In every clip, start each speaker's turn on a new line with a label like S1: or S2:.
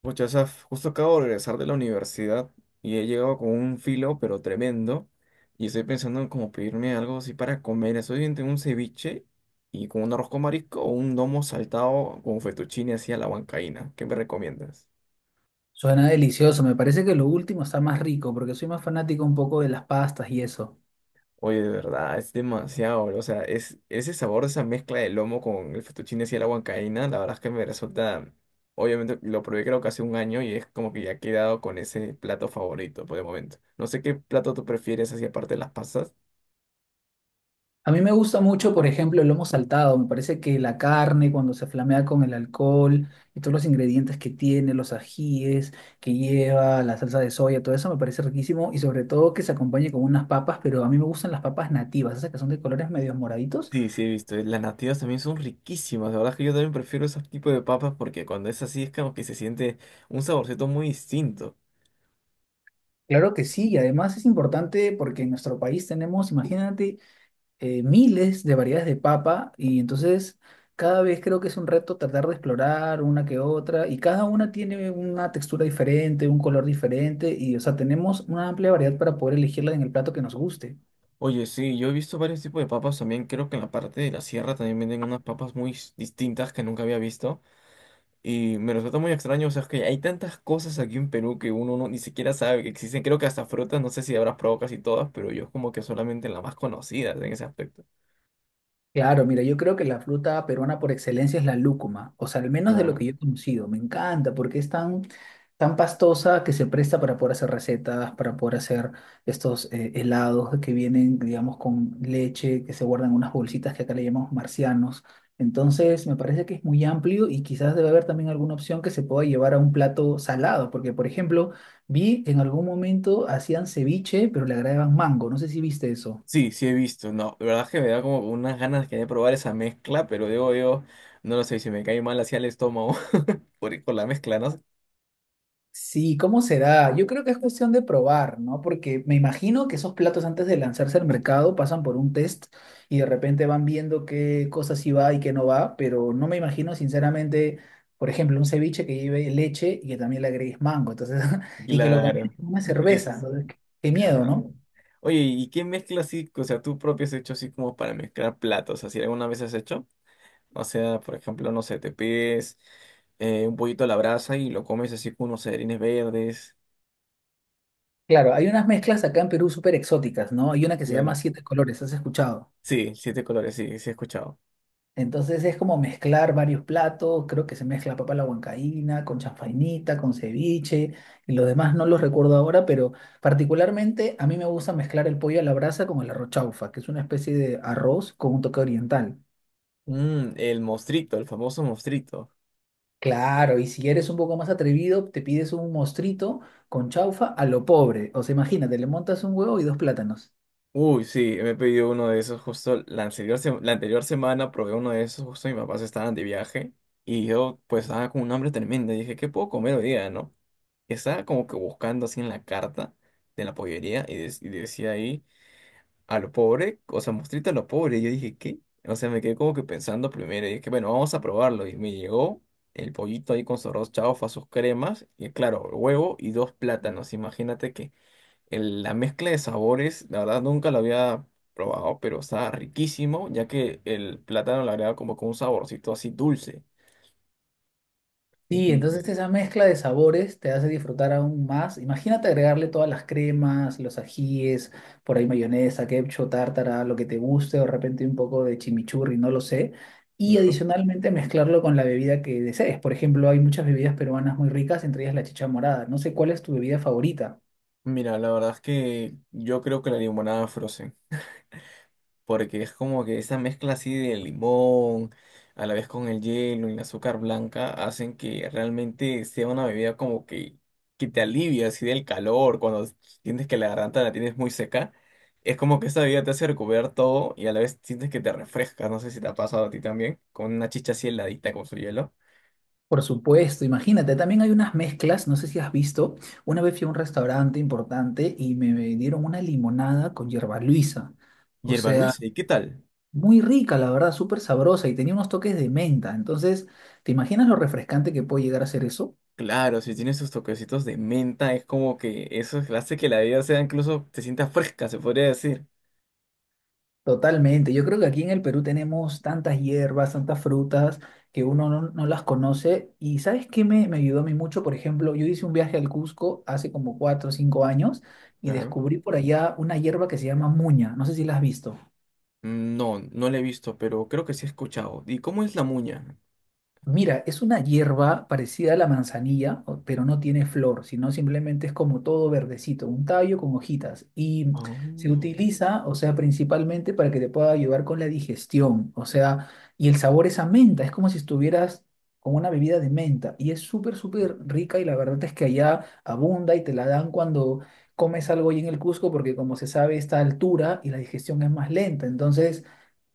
S1: Pucha, Saf, justo acabo de regresar de la universidad y he llegado con un filo, pero tremendo. Y estoy pensando en como pedirme algo así para comer. Estoy entre un ceviche y con un arroz con marisco o un lomo saltado con fettuccine así a la huancaína. ¿Qué me recomiendas?
S2: Suena delicioso, me parece que lo último está más rico porque soy más fanático un poco de las pastas y eso.
S1: Oye, de verdad, es demasiado. O sea, es ese sabor, esa mezcla del lomo con el fettuccine así a la huancaína, la verdad es que me resulta. Obviamente lo probé creo que hace un año y es como que ya he quedado con ese plato favorito por el momento. No sé qué plato tú prefieres así aparte de las pasas.
S2: A mí me gusta mucho, por ejemplo, el lomo saltado, me parece que la carne cuando se flamea con el alcohol y todos los ingredientes que tiene, los ajíes que lleva, la salsa de soya, todo eso me parece riquísimo y sobre todo que se acompañe con unas papas, pero a mí me gustan las papas nativas, esas que son de colores medios moraditos.
S1: Sí, sí, he visto. Las nativas también son riquísimas. La verdad es que yo también prefiero ese tipo de papas porque cuando es así es como que se siente un saborcito muy distinto.
S2: Claro que sí, y además es importante porque en nuestro país tenemos, imagínate, miles de variedades de papa y entonces cada vez creo que es un reto tratar de explorar una que otra y cada una tiene una textura diferente, un color diferente y o sea, tenemos una amplia variedad para poder elegirla en el plato que nos guste.
S1: Oye, sí, yo he visto varios tipos de papas también. Creo que en la parte de la sierra también venden unas papas muy distintas que nunca había visto. Y me resulta muy extraño. O sea, es que hay tantas cosas aquí en Perú que uno no, ni siquiera sabe que existen. Creo que hasta frutas, no sé si habrás probado casi todas, pero yo es como que solamente las más conocidas en ese aspecto.
S2: Claro, mira, yo creo que la fruta peruana por excelencia es la lúcuma, o sea, al menos de lo que yo he conocido, me encanta porque es tan, tan pastosa que se presta para poder hacer recetas, para poder hacer estos helados que vienen, digamos, con leche, que se guardan en unas bolsitas que acá le llamamos marcianos. Entonces, me parece que es muy amplio y quizás debe haber también alguna opción que se pueda llevar a un plato salado, porque, por ejemplo, vi en algún momento hacían ceviche, pero le agregaban mango, no sé si viste eso.
S1: Sí, sí he visto, no, de verdad es que me da como unas ganas que de probar esa mezcla, pero digo yo, no lo sé, si me cae mal hacia el estómago por, con la mezcla, ¿no?
S2: Sí, ¿cómo será? Yo creo que es cuestión de probar, ¿no? Porque me imagino que esos platos antes de lanzarse al mercado pasan por un test y de repente van viendo qué cosas sí va y qué no va, pero no me imagino sinceramente, por ejemplo, un ceviche que lleve leche y que también le agregues mango, entonces, y que lo
S1: Claro,
S2: combines con una
S1: eso
S2: cerveza, entonces, qué, qué
S1: es
S2: miedo, ¿no?
S1: random. Oye, ¿y qué mezcla así, o sea, tú propio has hecho así como para mezclar platos, así alguna vez has hecho? O sea, por ejemplo, no sé, te pides un pollito a la brasa y lo comes así con unos celerines verdes.
S2: Claro, hay unas mezclas acá en Perú súper exóticas, ¿no? Hay una que se llama
S1: Claro.
S2: Siete Colores, ¿has escuchado?
S1: Sí, siete colores, sí, sí he escuchado.
S2: Entonces es como mezclar varios platos, creo que se mezcla papa a la huancaína, con chanfainita, con ceviche, y los demás no los recuerdo ahora, pero particularmente a mí me gusta mezclar el pollo a la brasa con el arroz chaufa, que es una especie de arroz con un toque oriental.
S1: Mm, el mostrito, el famoso mostrito.
S2: Claro, y si eres un poco más atrevido, te pides un mostrito con chaufa a lo pobre. O sea, imagínate, le montas un huevo y dos plátanos.
S1: Uy, sí, me he pedido uno de esos justo la anterior, la anterior semana, probé uno de esos justo mis papás estaban de viaje y yo pues estaba con un hambre tremenda y dije, ¿qué puedo comer hoy día, no? Y estaba como que buscando así en la carta de la pollería y, y decía ahí, a lo pobre, o sea, mostrita a lo pobre. Y yo dije, ¿qué? O sea, me quedé como que pensando primero y dije, bueno, vamos a probarlo. Y me llegó el pollito ahí con su arroz chaufa, sus cremas y claro, huevo y dos plátanos. Imagínate que la mezcla de sabores, la verdad nunca lo había probado, pero estaba riquísimo, ya que el plátano le agrega como con un saborcito así dulce. Y,
S2: Sí, entonces esa mezcla de sabores te hace disfrutar aún más. Imagínate agregarle todas las cremas, los ajíes, por ahí mayonesa, ketchup, tártara, lo que te guste, o de repente un poco de chimichurri, no lo sé. Y
S1: claro.
S2: adicionalmente mezclarlo con la bebida que desees. Por ejemplo, hay muchas bebidas peruanas muy ricas, entre ellas la chicha morada. No sé cuál es tu bebida favorita.
S1: Mira, la verdad es que yo creo que la limonada Frozen, porque es como que esa mezcla así de limón, a la vez con el hielo y el azúcar blanca, hacen que realmente sea una bebida como que te alivia así del calor, cuando sientes que la garganta la tienes muy seca, es como que esa bebida te hace recuperar todo y a la vez sientes que te refresca, no sé si te ha pasado a ti también, con una chicha así heladita con su hielo.
S2: Por supuesto, imagínate, también hay unas mezclas, no sé si has visto, una vez fui a un restaurante importante y me dieron una limonada con hierba luisa. O
S1: Hierba
S2: sea,
S1: Luisa, ¿y qué tal?
S2: muy rica, la verdad, súper sabrosa y tenía unos toques de menta. Entonces, ¿te imaginas lo refrescante que puede llegar a ser eso?
S1: Claro, si tiene sus toquecitos de menta, es como que eso hace que la bebida sea incluso, te sienta fresca, se podría decir.
S2: Totalmente. Yo creo que aquí en el Perú tenemos tantas hierbas, tantas frutas que uno no, no las conoce. ¿Y sabes qué me, me ayudó a mí mucho? Por ejemplo, yo hice un viaje al Cusco hace como 4 o 5 años y descubrí por allá una hierba que se llama muña. No sé si la has visto.
S1: No, no la he visto, pero creo que sí he escuchado. ¿Y cómo es la muña?
S2: Mira, es una hierba parecida a la manzanilla, pero no tiene flor, sino simplemente es como todo verdecito, un tallo con hojitas. Y se
S1: Ah,
S2: utiliza, o sea, principalmente para que te pueda ayudar con la digestión, o sea, y el sabor es a menta, es como si estuvieras con una bebida de menta. Y es súper, súper rica y la verdad es que allá abunda y te la dan cuando comes algo ahí en el Cusco, porque como se sabe, está a altura y la digestión es más lenta. Entonces.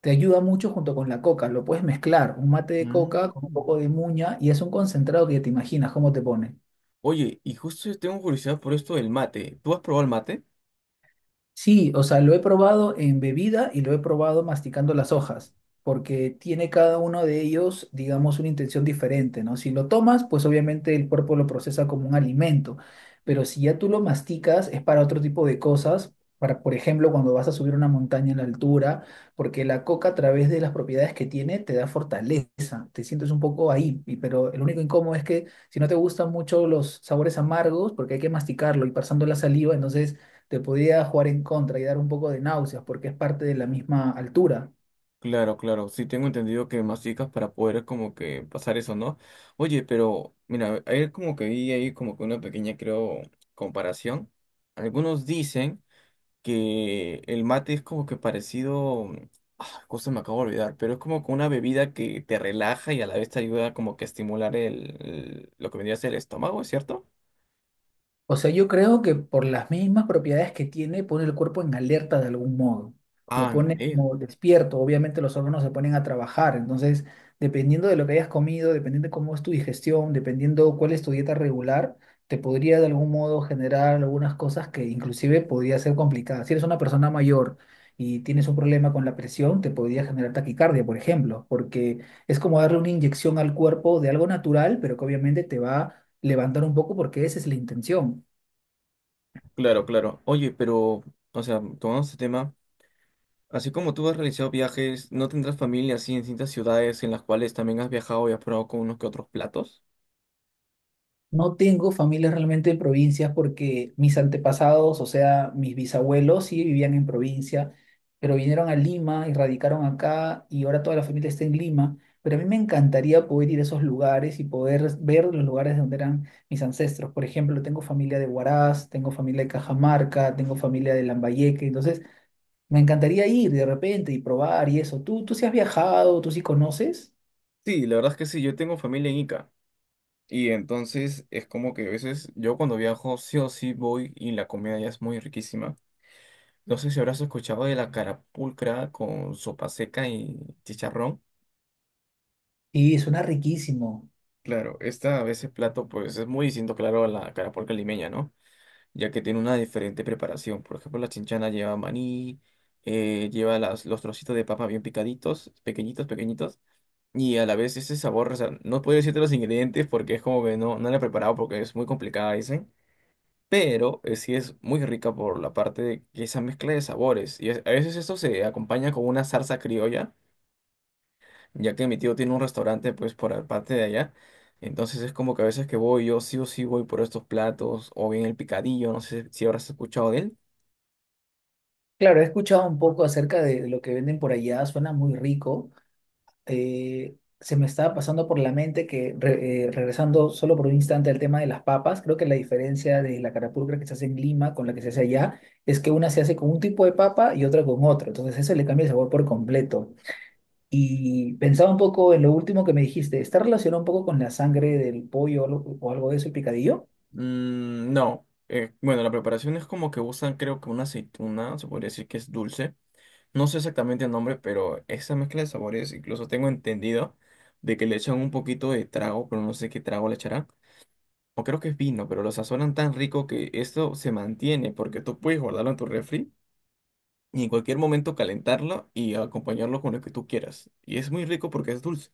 S2: Te ayuda mucho junto con la coca. Lo puedes mezclar, un mate de coca con un
S1: mm.
S2: poco de muña y es un concentrado que te imaginas cómo te pone.
S1: Oye, y justo yo tengo curiosidad por esto del mate. ¿Tú has probado el mate?
S2: Sí, o sea, lo he probado en bebida y lo he probado masticando las hojas, porque tiene cada uno de ellos, digamos, una intención diferente, ¿no? Si lo tomas, pues obviamente el cuerpo lo procesa como un alimento, pero si ya tú lo masticas es para otro tipo de cosas, para, por ejemplo, cuando vas a subir una montaña en la altura, porque la coca a través de las propiedades que tiene te da fortaleza, te sientes un poco ahí, pero el único incómodo es que si no te gustan mucho los sabores amargos, porque hay que masticarlo y pasando la saliva, entonces te podía jugar en contra y dar un poco de náuseas porque es parte de la misma altura.
S1: Claro, claro, sí tengo entendido que masticas para poder como que pasar eso, ¿no? Oye, pero mira, ayer como que vi ahí como que una pequeña, creo, comparación. Algunos dicen que el mate es como que parecido, ah, cosa me acabo de olvidar, pero es como que una bebida que te relaja y a la vez te ayuda como que a estimular lo que vendría a ser el estómago, ¿es cierto?
S2: O sea, yo creo que por las mismas propiedades que tiene, pone el cuerpo en alerta de algún modo. Lo
S1: Ah, me
S2: pone
S1: alegro.
S2: como despierto. Obviamente los órganos se ponen a trabajar. Entonces, dependiendo de lo que hayas comido, dependiendo de cómo es tu digestión, dependiendo cuál es tu dieta regular, te podría de algún modo generar algunas cosas que inclusive podría ser complicadas. Si eres una persona mayor y tienes un problema con la presión, te podría generar taquicardia, por ejemplo, porque es como darle una inyección al cuerpo de algo natural, pero que obviamente te va a levantar un poco porque esa es la intención.
S1: Claro, claro. Oye, pero, o sea, tomando este tema, así como tú has realizado viajes, ¿no tendrás familia así en distintas ciudades en las cuales también has viajado y has probado con unos que otros platos?
S2: No tengo familia realmente de provincias porque mis antepasados, o sea, mis bisabuelos sí vivían en provincia, pero vinieron a Lima y radicaron acá y ahora toda la familia está en Lima. Pero a mí me encantaría poder ir a esos lugares y poder ver los lugares donde eran mis ancestros. Por ejemplo, tengo familia de Huaraz, tengo familia de Cajamarca, tengo familia de Lambayeque. Entonces, me encantaría ir de repente y probar y eso. ¿Tú, tú sí has viajado? ¿Tú sí conoces?
S1: Sí, la verdad es que sí, yo tengo familia en Ica. Y entonces es como que a veces yo cuando viajo sí o sí voy y la comida ya es muy riquísima. No sé si habrás escuchado de la carapulcra con sopa seca y chicharrón.
S2: Y suena riquísimo.
S1: Claro, esta a veces plato pues es muy distinto, claro, a la carapulcra limeña, ¿no? Ya que tiene una diferente preparación. Por ejemplo, la chinchana lleva maní, lleva los trocitos de papa bien picaditos, pequeñitos, pequeñitos. Y a la vez ese sabor, o sea, no puedo decirte los ingredientes porque es como que no, no la he preparado porque es muy complicada, dicen. Pero sí es muy rica por la parte de que esa mezcla de sabores. A veces esto se acompaña con una salsa criolla ya que mi tío tiene un restaurante pues por la parte de allá. Entonces es como que a veces que voy, yo sí o sí voy por estos platos o bien el picadillo, no sé si habrás escuchado de él.
S2: Claro, he escuchado un poco acerca de, lo que venden por allá, suena muy rico. Se me estaba pasando por la mente que, regresando solo por un instante al tema de las papas, creo que la diferencia de la carapulcra que se hace en Lima con la que se hace allá es que una se hace con un tipo de papa y otra con otro. Entonces eso le cambia el sabor por completo. Y pensaba un poco en lo último que me dijiste, ¿está relacionado un poco con la sangre del pollo o algo de eso, el picadillo?
S1: Mm, no. Bueno, la preparación es como que usan creo que una aceituna, se podría decir que es dulce. No sé exactamente el nombre, pero esa mezcla de sabores, incluso tengo entendido de que le echan un poquito de trago, pero no sé qué trago le echarán. O creo que es vino, pero lo sazonan tan rico que esto se mantiene porque tú puedes guardarlo en tu refri y en cualquier momento calentarlo y acompañarlo con lo que tú quieras. Y es muy rico porque es dulce.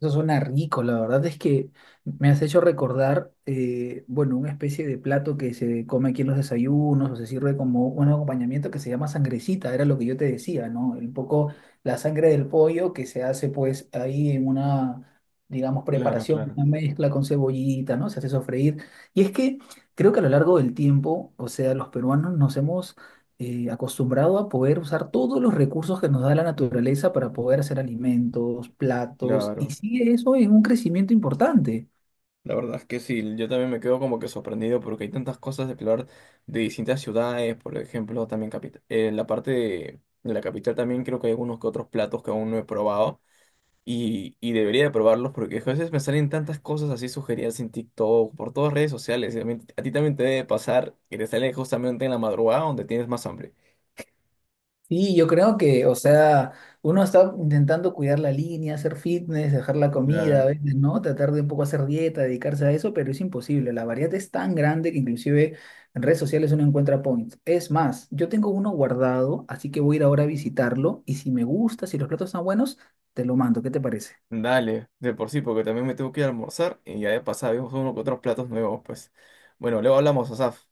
S2: Eso suena rico, la verdad es que me has hecho recordar, bueno, una especie de plato que se come aquí en los desayunos o se sirve como un acompañamiento que se llama sangrecita, era lo que yo te decía, ¿no? Un poco la sangre del pollo que se hace pues ahí en una, digamos,
S1: Claro,
S2: preparación,
S1: claro.
S2: una mezcla con cebollita, ¿no? Se hace sofreír. Y es que creo que a lo largo del tiempo, o sea, los peruanos nos hemos acostumbrado a poder usar todos los recursos que nos da la naturaleza para poder hacer alimentos, platos, y
S1: Claro,
S2: sigue eso en un crecimiento importante.
S1: la verdad es que sí, yo también me quedo como que sorprendido porque hay tantas cosas de explorar de distintas ciudades, por ejemplo, también la parte de la capital también creo que hay algunos que otros platos que aún no he probado y debería de probarlos porque a veces me salen tantas cosas así sugeridas en TikTok, por todas redes sociales, y a ti también te debe pasar que te sale justamente en la madrugada donde tienes más hambre.
S2: Sí, yo creo que, o sea, uno está intentando cuidar la línea, hacer fitness, dejar la comida, a veces, ¿no? Tratar de un poco hacer dieta, dedicarse a eso, pero es imposible. La variedad es tan grande que inclusive en redes sociales uno encuentra points. Es más, yo tengo uno guardado, así que voy a ir ahora a visitarlo y si me gusta, si los platos están buenos, te lo mando. ¿Qué te parece?
S1: Dale, de por sí, porque también me tengo que ir a almorzar y ya de pasada vemos uno que otros platos nuevos, pues. Bueno, luego hablamos, Asaf.